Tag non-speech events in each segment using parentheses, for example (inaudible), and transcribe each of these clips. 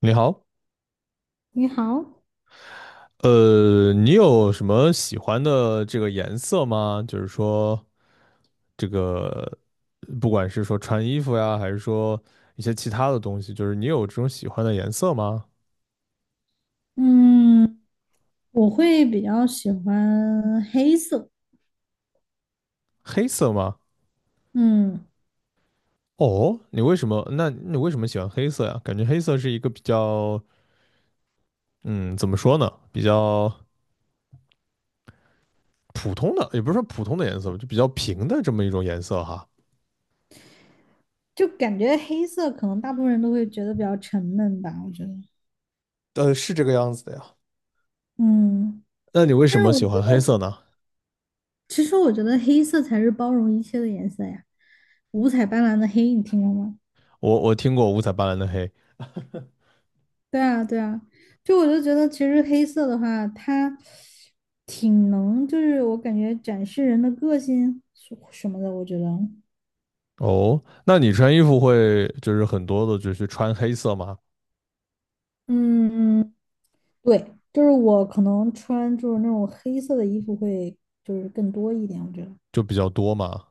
你好，你好，你有什么喜欢的这个颜色吗？就是说，这个不管是说穿衣服呀，还是说一些其他的东西，就是你有这种喜欢的颜色吗？嗯，我会比较喜欢黑色，黑色吗？嗯，哦，你为什么？那你为什么喜欢黑色呀？感觉黑色是一个比较，嗯，怎么说呢？比较普通的，也不是说普通的颜色吧，就比较平的这么一种颜色哈。就感觉黑色可能大部分人都会觉得比较沉闷吧，我觉得。是这个样子的呀。嗯，那你为但什是么我喜觉欢得黑色呢？其实我觉得黑色才是包容一切的颜色呀，五彩斑斓的黑，你听过吗？我听过五彩斑斓的黑。对啊，对啊，就我就觉得其实黑色的话，它挺能，就是我感觉展示人的个性什么的，我觉得。哦，那你穿衣服会就是很多的，就是穿黑色吗？嗯嗯对，就是我可能穿就是那种黑色的衣服会就是更多一点，我觉得。就比较多嘛，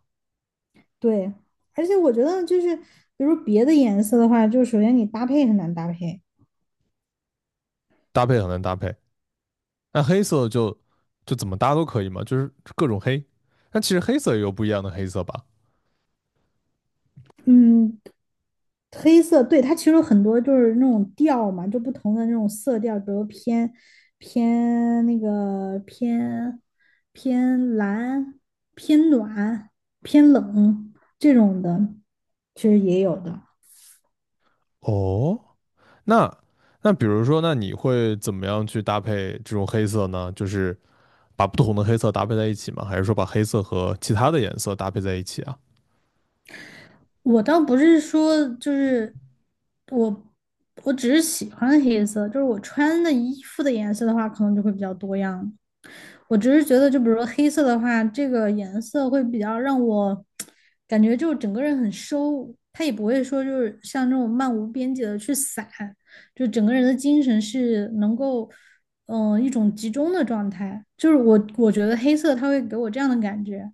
对，而且我觉得就是比如别的颜色的话，就是首先你搭配很难搭配。搭配很难搭配。那黑色就怎么搭都可以嘛，就是各种黑。那其实黑色也有不一样的黑色吧？嗯，黑色，对，它其实有很多就是那种调嘛，就不同的那种色调，比如偏那个偏偏蓝、偏暖、偏冷这种的，其实也有的。哦，那那比如说，那你会怎么样去搭配这种黑色呢？就是把不同的黑色搭配在一起吗？还是说把黑色和其他的颜色搭配在一起啊？我倒不是说就是我，我只是喜欢黑色，就是我穿的衣服的颜色的话，可能就会比较多样。我只是觉得，就比如说黑色的话，这个颜色会比较让我感觉就整个人很收，它也不会说就是像这种漫无边际的去散，就整个人的精神是能够一种集中的状态。就是我觉得黑色它会给我这样的感觉，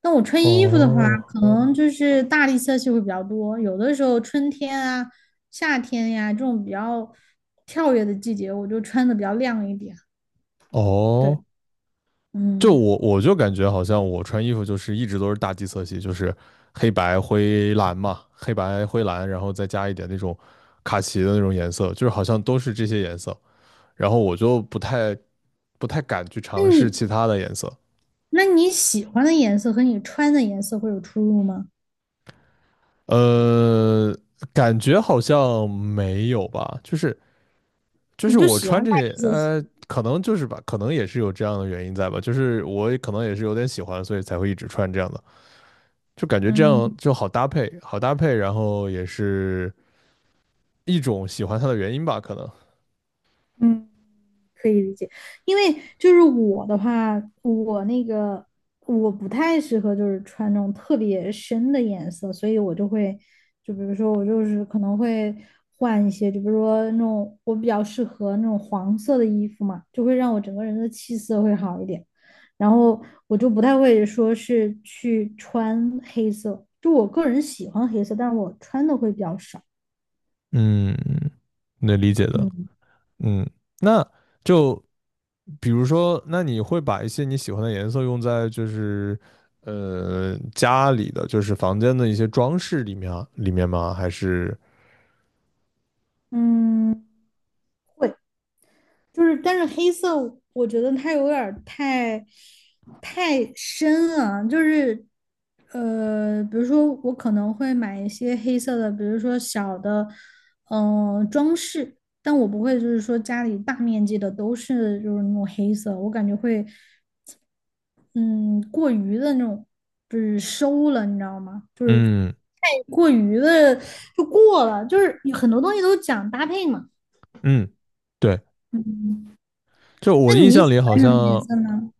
但我穿衣服的话，哦可能就是大地色系会比较多，有的时候春天啊、夏天呀、这种比较跳跃的季节，我就穿的比较亮一点。对，哦，就嗯，我就感觉好像我穿衣服就是一直都是大地色系，就是黑白灰蓝嘛，黑白灰蓝，然后再加一点那种卡其的那种颜色，就是好像都是这些颜色，然后我就不太敢去那尝试你其他的颜色，那你喜欢的颜色和你穿的颜色会有出入吗？呃，感觉好像没有吧，就是你就我喜欢穿这大些，地色系，可能就是吧，可能也是有这样的原因在吧，就是我也可能也是有点喜欢，所以才会一直穿这样的。就感觉这嗯。样就好搭配，好搭配，然后也是一种喜欢它的原因吧，可能。嗯。可以理解，因为就是我的话，我那个我不太适合就是穿那种特别深的颜色，所以我就会，就比如说我就是可能会换一些，就比如说那种我比较适合那种黄色的衣服嘛，就会让我整个人的气色会好一点。然后我就不太会说是去穿黑色，就我个人喜欢黑色，但是我穿的会比较少。嗯，能理解的。嗯嗯，那就比如说，那你会把一些你喜欢的颜色用在就是家里的就是房间的一些装饰里面啊里面吗？还是嗯。会。就是，但是黑色我觉得它有点儿太深了，就是比如说我可能会买一些黑色的，比如说小的，装饰，但我不会就是说家里大面积的都是就是那种黑色，我感觉会嗯过于的那种就是收了，你知道吗？就是嗯太过于的就过了，就是有很多东西都讲搭配嘛。嗯，对，嗯，就我那印你象里喜好欢什么颜像色呢？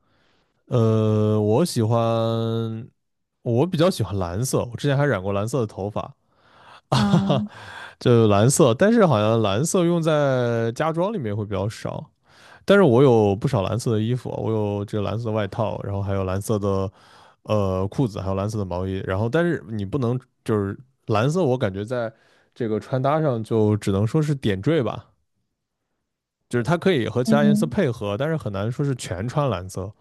呃，我喜欢我比较喜欢蓝色，我之前还染过蓝色的头发。(laughs) 哈哈。啊，就蓝色，但是好像蓝色用在家装里面会比较少。但是我有不少蓝色的衣服，我有这个蓝色的外套，然后还有蓝色的裤子，还有蓝色的毛衣。然后，但是你不能就是蓝色，我感觉在这个穿搭上就只能说是点缀吧，就是它可以和其他颜色嗯配合，但是很难说是全穿蓝色，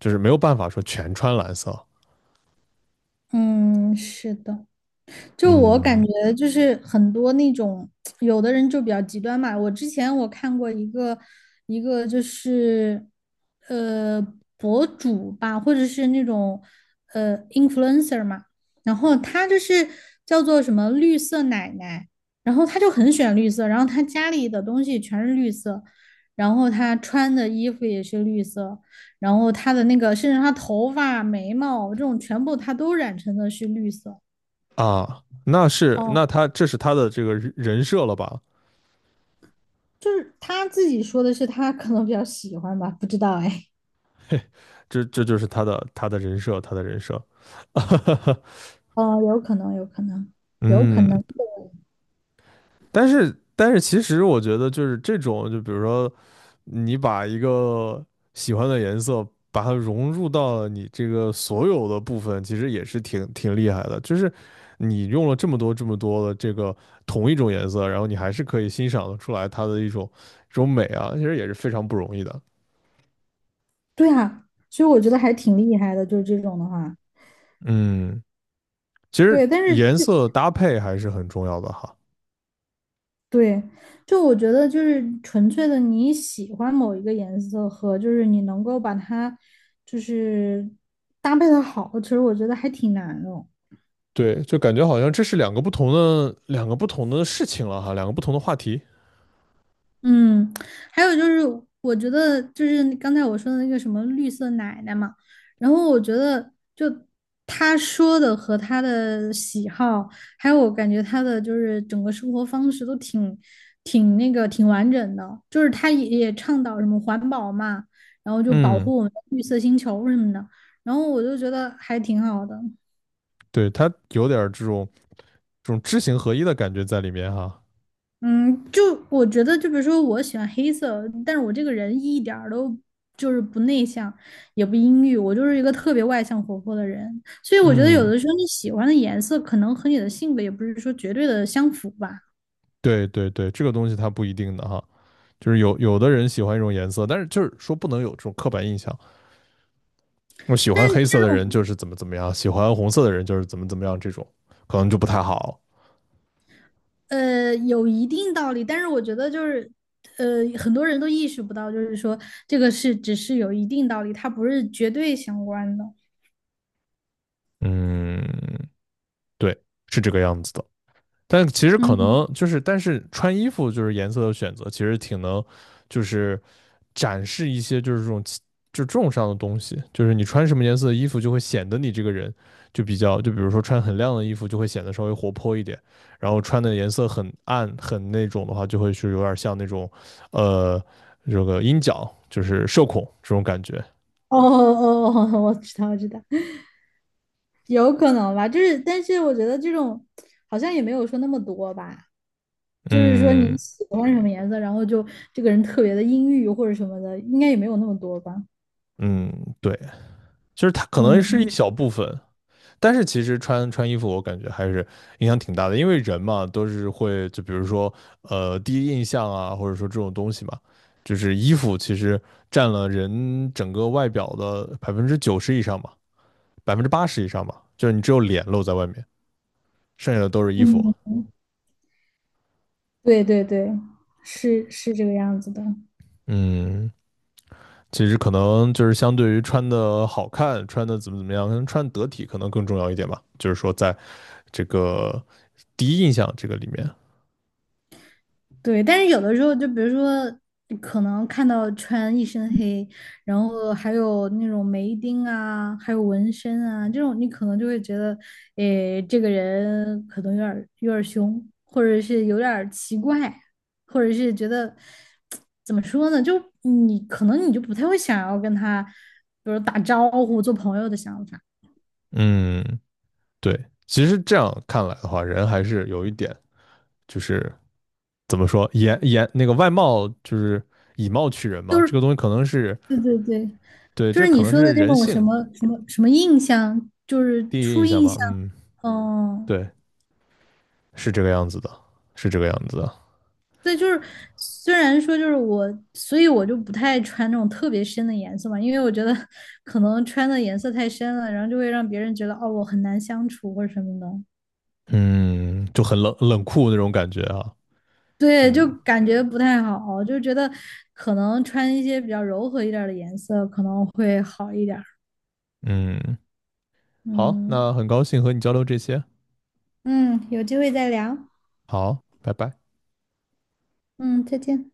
就是没有办法说全穿蓝色。嗯，是的。就我感嗯觉，就是很多那种有的人就比较极端嘛。我之前我看过一个就是呃博主吧，或者是那种influencer 嘛，然后他就是叫做什么绿色奶奶，然后他就很喜欢绿色，然后他家里的东西全是绿色，然后他穿的衣服也是绿色，然后他的那个甚至他头发、眉毛这种全部他都染成的是绿色。啊，那是哦，那他这是他的这个人设了吧？就是他自己说的是他可能比较喜欢吧，不知道哎，这就是他的人设，他的人设，(laughs) 嗯、有可能，有可能，有可嗯，能，但是其实我觉得就是这种，就比如说你把一个喜欢的颜色，把它融入到了你这个所有的部分，其实也是挺厉害的。就是你用了这么多的这个同一种颜色，然后你还是可以欣赏得出来它的一种这种美啊，其实也是非常不容易的。对啊，所以我觉得还挺厉害的，就是这种的话，嗯，其对，实但颜是色搭配还是很重要的哈。对，就我觉得就是纯粹的你喜欢某一个颜色和就是你能够把它就是搭配的好，其实我觉得还挺难的。对，就感觉好像这是两个不同的事情了哈，两个不同的话题。嗯，还有就是，我觉得就是刚才我说的那个什么绿色奶奶嘛，然后我觉得就她说的和她的喜好，还有我感觉她的就是整个生活方式都挺挺那个挺完整的，就是她也倡导什么环保嘛，然后就保嗯，护我们的绿色星球什么的，然后我就觉得还挺好的。对，它有点这种知行合一的感觉在里面哈。嗯，就我觉得，就比如说，我喜欢黑色，但是我这个人一点儿都就是不内向，也不阴郁，我就是一个特别外向活泼的人，所以我觉得有嗯，的时候你喜欢的颜色可能和你的性格也不是说绝对的相符吧，对对对，这个东西它不一定的哈，就是有的人喜欢一种颜色，但是就是说不能有这种刻板印象，我喜但欢是黑这色的人种就是怎么怎么样，喜欢红色的人就是怎么怎么样，这种可能就不太好。有一定道理，但是我觉得就是很多人都意识不到，就是说这个是只是有一定道理，它不是绝对相关的。嗯，对，是这个样子的。但其实可嗯，能就是，但是穿衣服就是颜色的选择，其实挺能就是展示一些就是这种就这种上的东西，就是你穿什么颜色的衣服就会显得你这个人就比较，就比如说穿很亮的衣服就会显得稍微活泼一点，然后穿的颜色很暗很那种的话，就会是有点像那种呃这个阴角，就是社恐这种感觉。哦哦哦，我知道，我知道。有可能吧，就是，但是我觉得这种好像也没有说那么多吧，就是说你嗯喜欢什么颜色，然后就这个人特别的阴郁或者什么的，应该也没有那么多吧。嗯，对，就是它可能是一嗯小部分，但是其实穿衣服，我感觉还是影响挺大的，因为人嘛都是会，就比如说第一印象啊，或者说这种东西嘛，就是衣服其实占了人整个外表的90%以上嘛，80%以上嘛，就是你只有脸露在外面，剩下的都是衣服。嗯，对对对，是这个样子的。嗯，其实可能就是相对于穿的好看，穿的怎么怎么样，可能穿得体可能更重要一点吧，就是说在这个第一印象这个里面，对，但是有的时候，就比如说，可能看到穿一身黑，然后还有那种眉钉啊，还有纹身啊，这种你可能就会觉得，诶，这个人可能有点儿凶，或者是有点儿奇怪，或者是觉得怎么说呢，就你可能你就不太会想要跟他，比如打招呼、做朋友的想法，嗯。对，其实这样看来的话，人还是有一点，就是怎么说，那个外貌就是以貌取人嘛，就是这个东西可能是对对对，对，就这是可你能说的是那人种什性么什么什么印象，就是第一初印象印吧。象，嗯，嗯嗯对，是这个样子的，是这个样子的。对，就是虽然说就是我，所以我就不太穿那种特别深的颜色嘛，因为我觉得 (laughs) 可能穿的颜色太深了，然后就会让别人觉得哦我很难相处或者什么的，嗯，就很冷酷那种感觉啊。对，就嗯感觉不太好，就觉得可能穿一些比较柔和一点儿的颜色可能会好一点儿嗯，好，那嗯很高兴和你交流这些。嗯，有机会再聊，好，拜拜。嗯，再见。